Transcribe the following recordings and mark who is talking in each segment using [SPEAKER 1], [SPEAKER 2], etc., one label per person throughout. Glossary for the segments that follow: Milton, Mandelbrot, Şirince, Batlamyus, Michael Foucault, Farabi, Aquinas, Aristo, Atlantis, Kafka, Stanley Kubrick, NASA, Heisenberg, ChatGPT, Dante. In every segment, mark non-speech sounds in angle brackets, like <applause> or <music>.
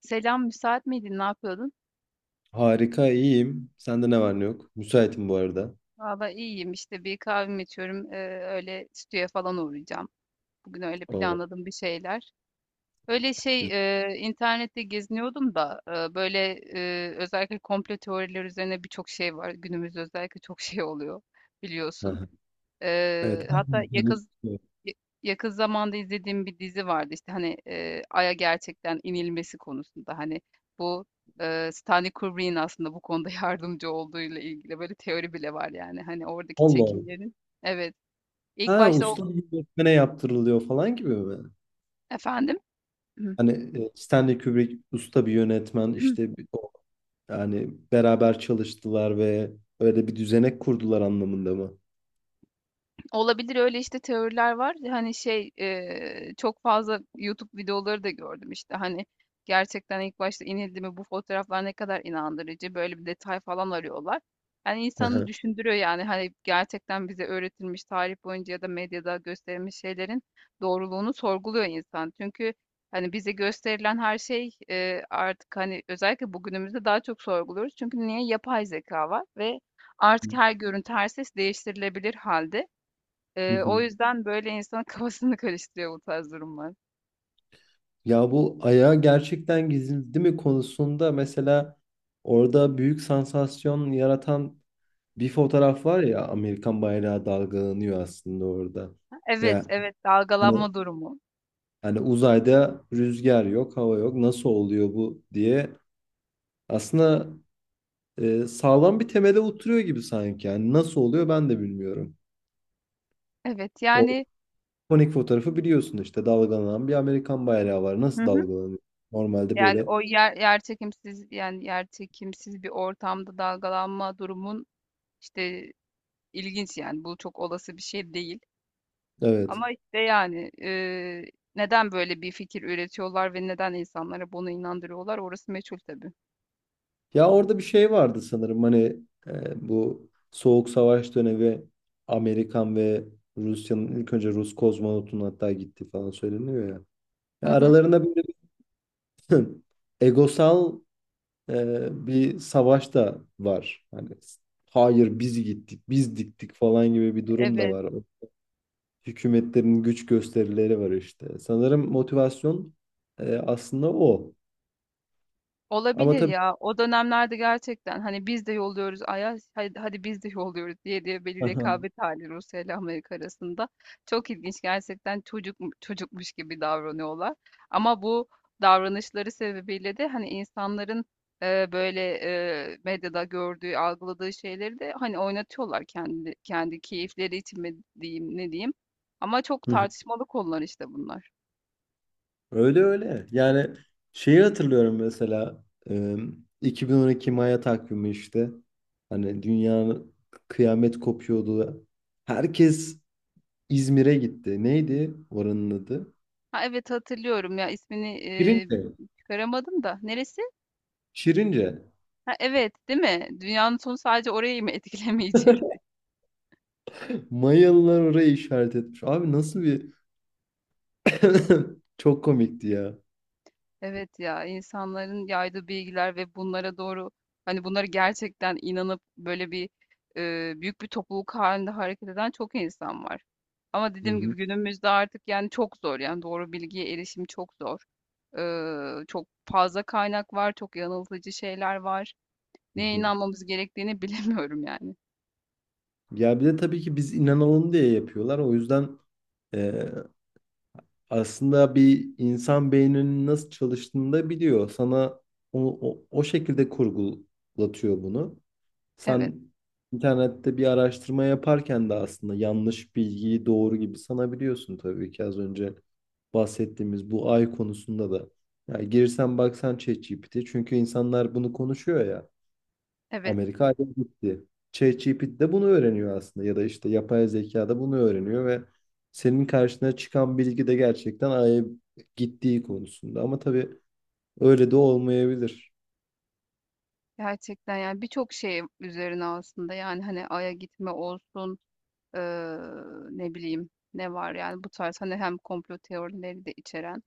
[SPEAKER 1] Selam, müsait miydin? Ne yapıyordun?
[SPEAKER 2] Harika, iyiyim. Sende ne var ne yok? Müsaitim bu arada.
[SPEAKER 1] Valla iyiyim işte, bir kahvemi içiyorum. Öyle stüdyoya falan uğrayacağım. Bugün öyle
[SPEAKER 2] Oo,
[SPEAKER 1] planladım bir şeyler. Öyle şey,
[SPEAKER 2] güzel.
[SPEAKER 1] internette geziniyordum da, e, böyle özellikle komplo teorileri üzerine birçok şey var. Günümüzde özellikle çok şey oluyor, biliyorsun.
[SPEAKER 2] Aha. Evet. Ha,
[SPEAKER 1] Hatta
[SPEAKER 2] Yani-
[SPEAKER 1] Ya yakın zamanda izlediğim bir dizi vardı, işte, hani, Ay'a gerçekten inilmesi konusunda, hani, bu, Stanley Kubrick'in aslında bu konuda <laughs> yardımcı olduğuyla ilgili böyle teori bile var, yani, hani, oradaki
[SPEAKER 2] Allah Allah.
[SPEAKER 1] çekimlerin. Evet, ilk
[SPEAKER 2] Ha,
[SPEAKER 1] başta o.
[SPEAKER 2] usta bir yönetmene yaptırılıyor falan gibi mi?
[SPEAKER 1] Efendim? <clears throat>
[SPEAKER 2] Hani Stanley Kubrick usta bir yönetmen işte yani beraber çalıştılar ve öyle bir düzenek kurdular anlamında mı?
[SPEAKER 1] Olabilir, öyle, işte, teoriler var. Hani, şey, çok fazla YouTube videoları da gördüm, işte, hani, gerçekten ilk başta inildi mi, bu fotoğraflar ne kadar inandırıcı, böyle bir detay falan arıyorlar. Yani, insanı
[SPEAKER 2] Aha.
[SPEAKER 1] düşündürüyor, yani, hani, gerçekten bize öğretilmiş tarih boyunca ya da medyada gösterilmiş şeylerin doğruluğunu sorguluyor insan. Çünkü, hani, bize gösterilen her şey, artık, hani, özellikle bugünümüzde daha çok sorguluyoruz. Çünkü niye? Yapay zeka var ve artık her görüntü, her ses değiştirilebilir halde.
[SPEAKER 2] Hı
[SPEAKER 1] O
[SPEAKER 2] hı.
[SPEAKER 1] yüzden böyle insanın <laughs> kafasını karıştırıyor bu tarz durumlar.
[SPEAKER 2] Ya bu ayağı gerçekten gizli mi konusunda mesela orada büyük sansasyon yaratan bir fotoğraf var ya, Amerikan bayrağı dalgalanıyor aslında orada. Ve
[SPEAKER 1] Evet, evet,
[SPEAKER 2] hani,
[SPEAKER 1] dalgalanma durumu.
[SPEAKER 2] uzayda rüzgar yok, hava yok. Nasıl oluyor bu diye aslında sağlam bir temele oturuyor gibi sanki. Yani nasıl oluyor ben de bilmiyorum.
[SPEAKER 1] Evet,
[SPEAKER 2] O
[SPEAKER 1] yani.
[SPEAKER 2] ikonik fotoğrafı biliyorsun işte, dalgalanan bir Amerikan bayrağı var.
[SPEAKER 1] Hı
[SPEAKER 2] Nasıl
[SPEAKER 1] hı.
[SPEAKER 2] dalgalanıyor? Normalde
[SPEAKER 1] Yani
[SPEAKER 2] böyle.
[SPEAKER 1] o yerçekimsiz, yani yerçekimsiz bir ortamda dalgalanma durumun işte ilginç, yani bu çok olası bir şey değil.
[SPEAKER 2] Evet.
[SPEAKER 1] Ama işte, yani neden böyle bir fikir üretiyorlar ve neden insanlara bunu inandırıyorlar, orası meçhul tabii.
[SPEAKER 2] Ya orada bir şey vardı sanırım, hani bu Soğuk Savaş dönemi Amerikan ve Rusya'nın ilk önce Rus kozmonotun hatta gitti falan söyleniyor ya.
[SPEAKER 1] Hı
[SPEAKER 2] Ya
[SPEAKER 1] hı.
[SPEAKER 2] aralarında böyle bir <clears throat> <laughs> egosal bir savaş da var. Hani hayır biz gittik, biz diktik falan gibi bir durum da
[SPEAKER 1] Evet.
[SPEAKER 2] var. Hükümetlerin güç gösterileri var işte. Sanırım motivasyon aslında o. Ama
[SPEAKER 1] Olabilir
[SPEAKER 2] tabii.
[SPEAKER 1] ya. O dönemlerde gerçekten hani biz de yolluyoruz Ayaz, hadi, hadi biz de yolluyoruz diye diye, bir
[SPEAKER 2] Aha.
[SPEAKER 1] rekabet hali Rusya ile Amerika arasında. Çok ilginç gerçekten, çocukmuş gibi davranıyorlar. Ama bu davranışları sebebiyle de hani insanların, e, böyle medyada gördüğü, algıladığı şeyleri de hani oynatıyorlar, kendi keyifleri için mi diyeyim, ne diyeyim. Ama çok
[SPEAKER 2] <laughs>
[SPEAKER 1] tartışmalı konular işte bunlar.
[SPEAKER 2] Öyle öyle. Yani şeyi hatırlıyorum mesela e, 2012 Maya takvimi işte. Hani dünya kıyamet kopuyordu. Herkes İzmir'e gitti. Neydi oranın adı?
[SPEAKER 1] Ha evet, hatırlıyorum ya, ismini
[SPEAKER 2] Şirince.
[SPEAKER 1] çıkaramadım da. Neresi?
[SPEAKER 2] Şirince.
[SPEAKER 1] Ha, evet, değil mi? Dünyanın sonu sadece orayı mı <laughs> etkilemeyecekti?
[SPEAKER 2] Mayalılar orayı işaret etmiş. Abi nasıl bir... <laughs> Çok komikti ya.
[SPEAKER 1] Evet ya, insanların yaydığı bilgiler ve bunlara doğru, hani bunlara gerçekten inanıp böyle bir, büyük bir topluluk halinde hareket eden çok insan var. Ama
[SPEAKER 2] Hı
[SPEAKER 1] dediğim
[SPEAKER 2] hı.
[SPEAKER 1] gibi günümüzde artık, yani çok zor, yani doğru bilgiye erişim çok zor. Çok fazla kaynak var, çok yanıltıcı şeyler var.
[SPEAKER 2] Hı
[SPEAKER 1] Neye
[SPEAKER 2] hı.
[SPEAKER 1] inanmamız gerektiğini <laughs> bilemiyorum yani.
[SPEAKER 2] Ya bir de tabii ki biz inanalım diye yapıyorlar. O yüzden e, aslında bir insan beyninin nasıl çalıştığını da biliyor. Sana o şekilde kurgulatıyor bunu.
[SPEAKER 1] Evet,
[SPEAKER 2] Sen internette bir araştırma yaparken de aslında yanlış bilgiyi doğru gibi sanabiliyorsun, tabii ki az önce bahsettiğimiz bu ay konusunda da. Yani girsen baksan ChatGPT, çünkü insanlar bunu konuşuyor ya.
[SPEAKER 1] evet.
[SPEAKER 2] Amerika ayrı gitti. ChatGPT de bunu öğreniyor aslında, ya da işte yapay zeka da bunu öğreniyor ve senin karşına çıkan bilgi de gerçekten Ay'a gittiği konusunda. Ama tabii öyle de olmayabilir.
[SPEAKER 1] Gerçekten yani birçok şey üzerine aslında, yani hani Ay'a gitme olsun, eee, ne bileyim ne var yani, bu tarz hani hem komplo teorileri de içeren.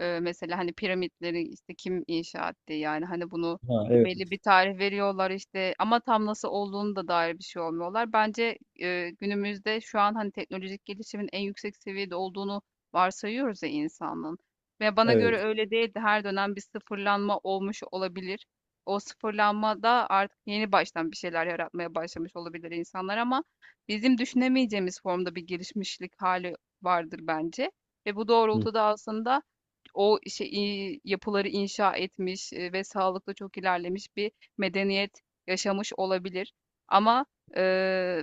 [SPEAKER 1] Mesela, hani, piramitleri, işte, kim inşa etti? Yani, hani, bunu
[SPEAKER 2] Ha. Evet,
[SPEAKER 1] belli bir tarih veriyorlar, işte, ama tam nasıl olduğunu da dair bir şey olmuyorlar. Bence, günümüzde şu an, hani, teknolojik gelişimin en yüksek seviyede olduğunu varsayıyoruz ya insanlığın, ve bana göre
[SPEAKER 2] evet.
[SPEAKER 1] öyle değildi. Her dönem bir sıfırlanma olmuş olabilir. O sıfırlanmada artık yeni baştan bir şeyler yaratmaya başlamış olabilir insanlar, ama bizim düşünemeyeceğimiz formda bir gelişmişlik hali vardır bence, ve bu
[SPEAKER 2] Hı,
[SPEAKER 1] doğrultuda aslında o şey yapıları inşa etmiş, ve sağlıklı çok ilerlemiş bir medeniyet yaşamış olabilir. Ama e,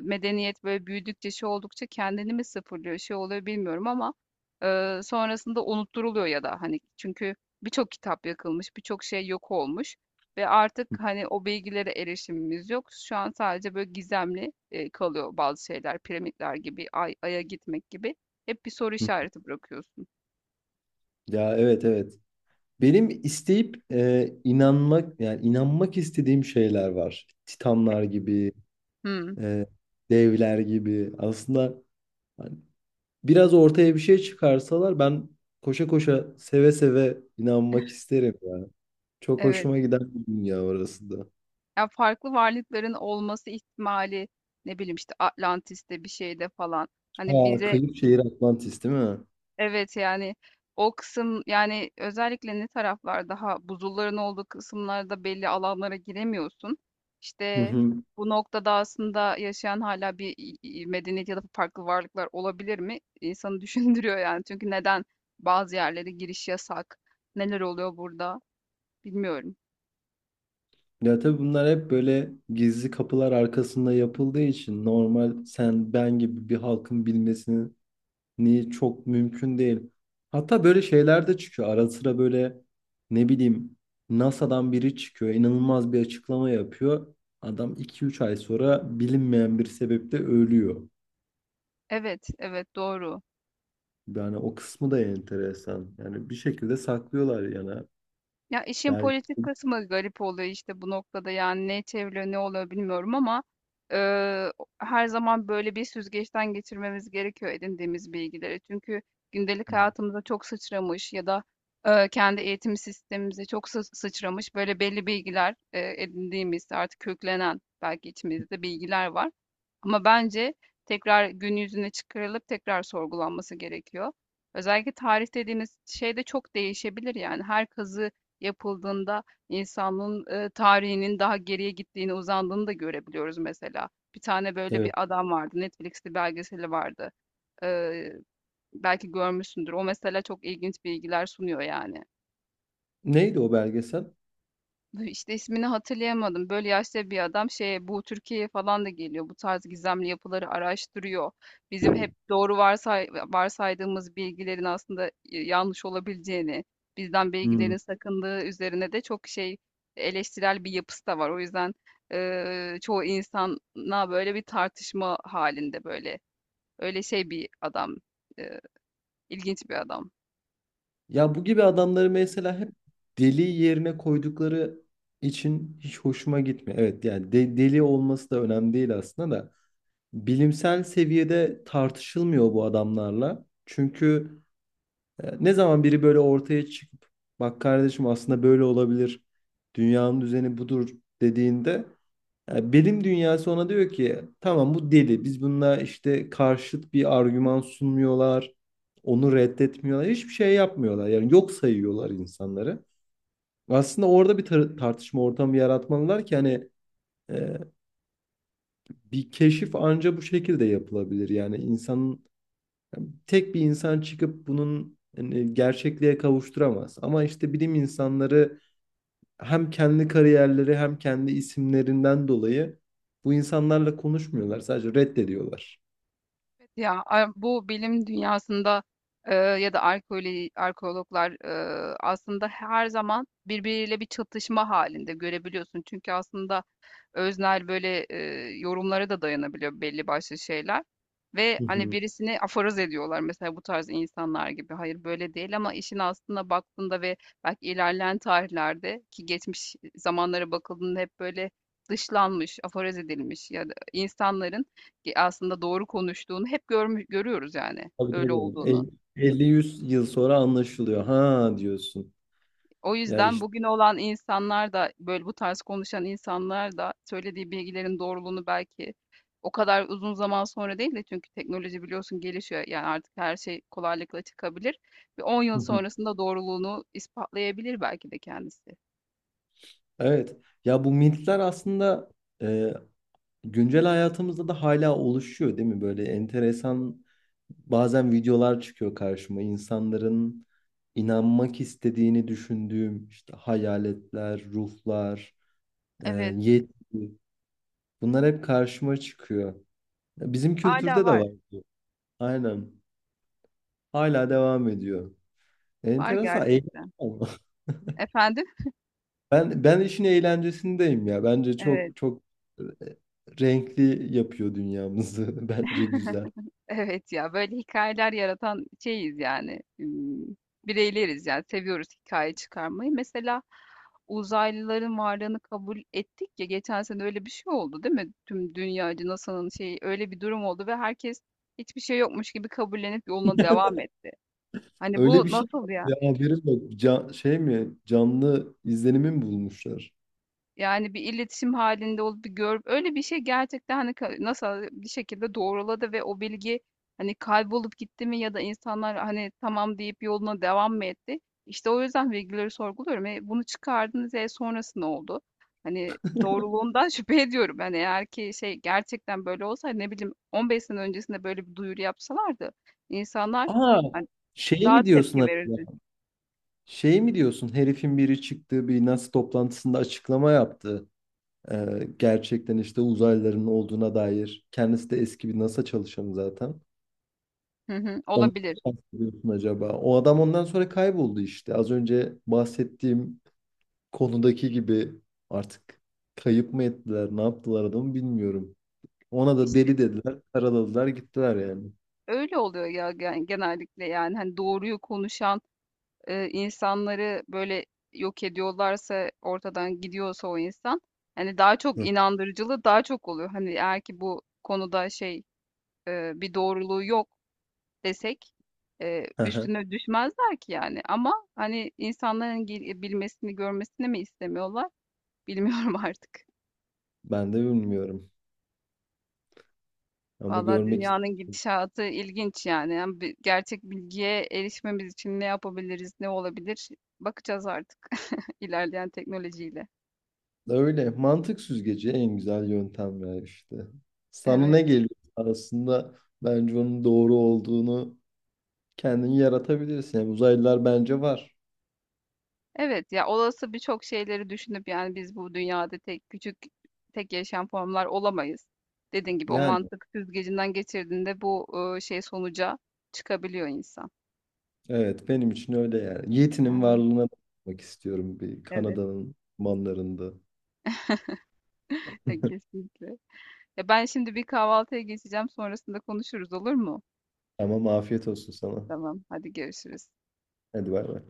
[SPEAKER 1] medeniyet böyle büyüdükçe şey oldukça kendini mi sıfırlıyor, şey oluyor bilmiyorum, ama sonrasında unutturuluyor ya da hani, çünkü birçok kitap yakılmış, birçok şey yok olmuş, ve artık hani o bilgilere erişimimiz yok. Şu an sadece böyle gizemli kalıyor bazı şeyler, piramitler gibi, aya gitmek gibi, hep bir soru
[SPEAKER 2] hı.
[SPEAKER 1] işareti bırakıyorsun.
[SPEAKER 2] Ya, evet, evet. Benim isteyip yani inanmak istediğim şeyler var. Titanlar gibi,
[SPEAKER 1] Hmm,
[SPEAKER 2] e, devler gibi. Aslında biraz ortaya bir şey çıkarsalar ben koşa koşa seve seve inanmak isterim yani. Çok
[SPEAKER 1] evet.
[SPEAKER 2] hoşuma giden bir dünya orası da.
[SPEAKER 1] Ya, farklı varlıkların olması ihtimali, ne bileyim, işte, Atlantis'te bir şeyde falan, hani,
[SPEAKER 2] Aa,
[SPEAKER 1] bize.
[SPEAKER 2] kıyı şehir Atlantis değil mi?
[SPEAKER 1] Evet, yani, o kısım, yani, özellikle ne taraflar daha buzulların olduğu kısımlarda belli alanlara giremiyorsun.
[SPEAKER 2] Hı
[SPEAKER 1] İşte,
[SPEAKER 2] hı.
[SPEAKER 1] bu noktada aslında yaşayan hala bir, medeniyet ya da farklı varlıklar olabilir mi? İnsanı <laughs> düşündürüyor, yani. Çünkü neden bazı yerlere giriş yasak? Neler oluyor burada? Bilmiyorum.
[SPEAKER 2] Ya tabii bunlar hep böyle gizli kapılar arkasında yapıldığı için normal sen ben gibi bir halkın bilmesini çok mümkün değil. Hatta böyle şeyler de çıkıyor. Ara sıra böyle ne bileyim NASA'dan biri çıkıyor. İnanılmaz bir açıklama yapıyor. Adam iki üç ay sonra bilinmeyen bir sebeple ölüyor.
[SPEAKER 1] Evet, evet, doğru.
[SPEAKER 2] Yani o kısmı da enteresan. Yani bir şekilde saklıyorlar yani.
[SPEAKER 1] Ya, işin
[SPEAKER 2] Belki.
[SPEAKER 1] politik kısmı garip oluyor, işte, bu noktada, yani, ne çevriliyor, ne oluyor bilmiyorum, ama, eee, her zaman böyle bir süzgeçten geçirmemiz gerekiyor edindiğimiz bilgileri. Çünkü gündelik hayatımıza çok sıçramış ya da, kendi eğitim sistemimize çok sıçramış, böyle, belli bilgiler, edindiğimiz, artık köklenen belki içimizde bilgiler var. Ama bence tekrar gün yüzüne çıkarılıp tekrar sorgulanması gerekiyor. Özellikle tarih dediğimiz şey de çok değişebilir yani. Her kazı yapıldığında insanlığın tarihinin daha geriye gittiğini, uzandığını da görebiliyoruz mesela. Bir tane böyle
[SPEAKER 2] Evet.
[SPEAKER 1] bir adam vardı. Netflix'te belgeseli vardı. Ee, belki görmüşsündür. O mesela çok ilginç bilgiler sunuyor yani.
[SPEAKER 2] Neydi o belgesel?
[SPEAKER 1] İşte ismini hatırlayamadım. Böyle yaşta bir adam şeye, bu Türkiye'ye falan da geliyor. Bu tarz gizemli yapıları araştırıyor. Bizim hep doğru varsaydığımız bilgilerin aslında yanlış olabileceğini, bizden
[SPEAKER 2] Hmm.
[SPEAKER 1] bilgilerin sakındığı üzerine de çok şey, eleştirel bir yapısı da var. O yüzden çoğu insana böyle bir tartışma halinde böyle, öyle şey bir adam. İlginç bir adam.
[SPEAKER 2] Ya bu gibi adamları mesela hep deli yerine koydukları için hiç hoşuma gitmiyor. Evet, yani deli olması da önemli değil aslında da. Bilimsel seviyede tartışılmıyor bu adamlarla. Çünkü ne zaman biri böyle ortaya çıkıp bak kardeşim aslında böyle olabilir. Dünyanın düzeni budur dediğinde bilim dünyası ona diyor ki tamam, bu deli. Biz bununla işte karşıt bir argüman sunmuyorlar. Onu reddetmiyorlar. Hiçbir şey yapmıyorlar. Yani yok sayıyorlar insanları. Aslında orada bir tartışma ortamı yaratmalılar ki, hani e, bir keşif anca bu şekilde yapılabilir. Yani insanın tek bir insan çıkıp bunun, hani, gerçekliğe kavuşturamaz. Ama işte bilim insanları hem kendi kariyerleri hem kendi isimlerinden dolayı bu insanlarla konuşmuyorlar. Sadece reddediyorlar.
[SPEAKER 1] Evet. Ya bu bilim dünyasında ya da arkeoloji, arkeologlar, aslında her zaman birbiriyle bir çatışma halinde görebiliyorsun. Çünkü aslında öznel, böyle, yorumlara da dayanabiliyor belli başlı şeyler, ve,
[SPEAKER 2] Hı
[SPEAKER 1] hani,
[SPEAKER 2] hı.
[SPEAKER 1] birisini aforoz ediyorlar mesela bu tarz insanlar gibi. Hayır, böyle değil, ama işin aslında baktığında, ve belki ilerleyen tarihlerde ki geçmiş zamanlara bakıldığında hep böyle dışlanmış, aforoz edilmiş ya da insanların aslında doğru konuştuğunu hep görmüş görüyoruz, yani
[SPEAKER 2] Tabii,
[SPEAKER 1] öyle
[SPEAKER 2] tabii.
[SPEAKER 1] olduğunu.
[SPEAKER 2] 50-100 yıl sonra anlaşılıyor. Ha, diyorsun.
[SPEAKER 1] O
[SPEAKER 2] Ya
[SPEAKER 1] yüzden
[SPEAKER 2] işte.
[SPEAKER 1] bugün olan insanlar da böyle, bu tarz konuşan insanlar da söylediği bilgilerin doğruluğunu belki o kadar uzun zaman sonra değil de, çünkü teknoloji biliyorsun gelişiyor. Yani artık her şey kolaylıkla çıkabilir. Bir on
[SPEAKER 2] Hı
[SPEAKER 1] yıl
[SPEAKER 2] hı.
[SPEAKER 1] sonrasında doğruluğunu ispatlayabilir belki de kendisi.
[SPEAKER 2] Evet. Ya bu mitler aslında e, güncel hayatımızda da hala oluşuyor değil mi? Böyle enteresan bazen videolar çıkıyor karşıma. İnsanların inanmak istediğini düşündüğüm işte, hayaletler, ruhlar, e,
[SPEAKER 1] Evet,
[SPEAKER 2] yetki, bunlar hep karşıma çıkıyor. Ya, bizim
[SPEAKER 1] hala
[SPEAKER 2] kültürde de
[SPEAKER 1] var.
[SPEAKER 2] var bu. Aynen. Hala devam ediyor.
[SPEAKER 1] Var
[SPEAKER 2] Enteresan. Eğlenceli
[SPEAKER 1] gerçekten.
[SPEAKER 2] ama. <laughs>
[SPEAKER 1] Efendim?
[SPEAKER 2] Ben işin eğlencesindeyim ya. Bence
[SPEAKER 1] Evet.
[SPEAKER 2] çok çok e, renkli yapıyor dünyamızı. <laughs> Bence güzel.
[SPEAKER 1] <laughs> Evet ya, böyle hikayeler yaratan şeyiz yani, bireyleriz yani, seviyoruz hikaye çıkarmayı. Mesela uzaylıların varlığını kabul ettik ya, geçen sene öyle bir şey oldu değil mi? Tüm dünyacı NASA'nın şeyi, öyle bir durum oldu ve herkes hiçbir şey yokmuş gibi kabullenip yoluna devam etti. Hani
[SPEAKER 2] Öyle bir
[SPEAKER 1] bu
[SPEAKER 2] şey
[SPEAKER 1] nasıl
[SPEAKER 2] yok.
[SPEAKER 1] ya?
[SPEAKER 2] Ya, haberim yok. Can, şey mi? Canlı izlenimi mi bulmuşlar?
[SPEAKER 1] Yani, bir iletişim halinde olup bir görüp öyle bir şey gerçekten, hani, ka NASA bir şekilde doğruladı ve o bilgi, hani, kaybolup gitti mi, ya da insanlar, hani, tamam deyip yoluna devam mı etti? İşte, o yüzden bilgileri sorguluyorum. E, bunu çıkardınız, e, sonrası ne oldu? Hani, doğruluğundan <laughs> şüphe ediyorum. Hani, eğer ki şey gerçekten böyle olsa, hani, ne bileyim, 15 sene öncesinde böyle bir duyuru yapsalardı insanlar,
[SPEAKER 2] Aa,
[SPEAKER 1] hani,
[SPEAKER 2] şey
[SPEAKER 1] daha
[SPEAKER 2] mi diyorsun
[SPEAKER 1] tepki verirdi.
[SPEAKER 2] acaba? Şey mi diyorsun? Herifin biri çıktığı bir NASA toplantısında açıklama yaptı. Gerçekten işte uzaylıların olduğuna dair. Kendisi de eski bir NASA çalışanı zaten.
[SPEAKER 1] Hı hı,
[SPEAKER 2] Ondan
[SPEAKER 1] olabilir.
[SPEAKER 2] mı bahsediyorsun acaba? O adam ondan sonra kayboldu işte. Az önce bahsettiğim konudaki gibi artık kayıp mı ettiler, ne yaptılar adamı bilmiyorum. Ona da
[SPEAKER 1] İşte.
[SPEAKER 2] deli dediler. Karaladılar gittiler yani.
[SPEAKER 1] Öyle oluyor ya genellikle, yani hani doğruyu konuşan insanları böyle yok ediyorlarsa, ortadan gidiyorsa o insan, hani daha çok
[SPEAKER 2] Hı.
[SPEAKER 1] inandırıcılığı daha çok oluyor. Hani eğer ki bu konuda şey, bir doğruluğu yok desek,
[SPEAKER 2] Aha.
[SPEAKER 1] üstüne düşmezler ki yani, ama hani insanların bilmesini, görmesini mi istemiyorlar bilmiyorum <laughs> artık.
[SPEAKER 2] Ben de bilmiyorum. Ama
[SPEAKER 1] Valla
[SPEAKER 2] görmek ist-
[SPEAKER 1] dünyanın gidişatı ilginç yani. Yani gerçek bilgiye erişmemiz için ne yapabiliriz, ne olabilir? Bakacağız artık <laughs> ilerleyen teknolojiyle.
[SPEAKER 2] Öyle. Mantık süzgeci en güzel yöntem ya işte. Sana
[SPEAKER 1] Evet.
[SPEAKER 2] ne geliyor aslında, bence onun doğru olduğunu kendin yaratabilirsin. Yani uzaylılar bence var.
[SPEAKER 1] Evet ya, olası birçok şeyleri düşünüp, yani biz bu dünyada tek küçük, tek yaşayan formlar olamayız. Dediğin gibi o
[SPEAKER 2] Yani
[SPEAKER 1] mantık süzgecinden geçirdiğinde bu, şey sonuca çıkabiliyor insan.
[SPEAKER 2] evet, benim için öyle yani. Yeti'nin
[SPEAKER 1] Yani
[SPEAKER 2] varlığına bakmak istiyorum bir
[SPEAKER 1] evet,
[SPEAKER 2] Kanada'nın manlarında.
[SPEAKER 1] <laughs> kesinlikle. Ya ben şimdi bir kahvaltıya geçeceğim, sonrasında konuşuruz olur mu?
[SPEAKER 2] Tamam, afiyet olsun sana.
[SPEAKER 1] Tamam hadi, görüşürüz.
[SPEAKER 2] Hadi bay bay.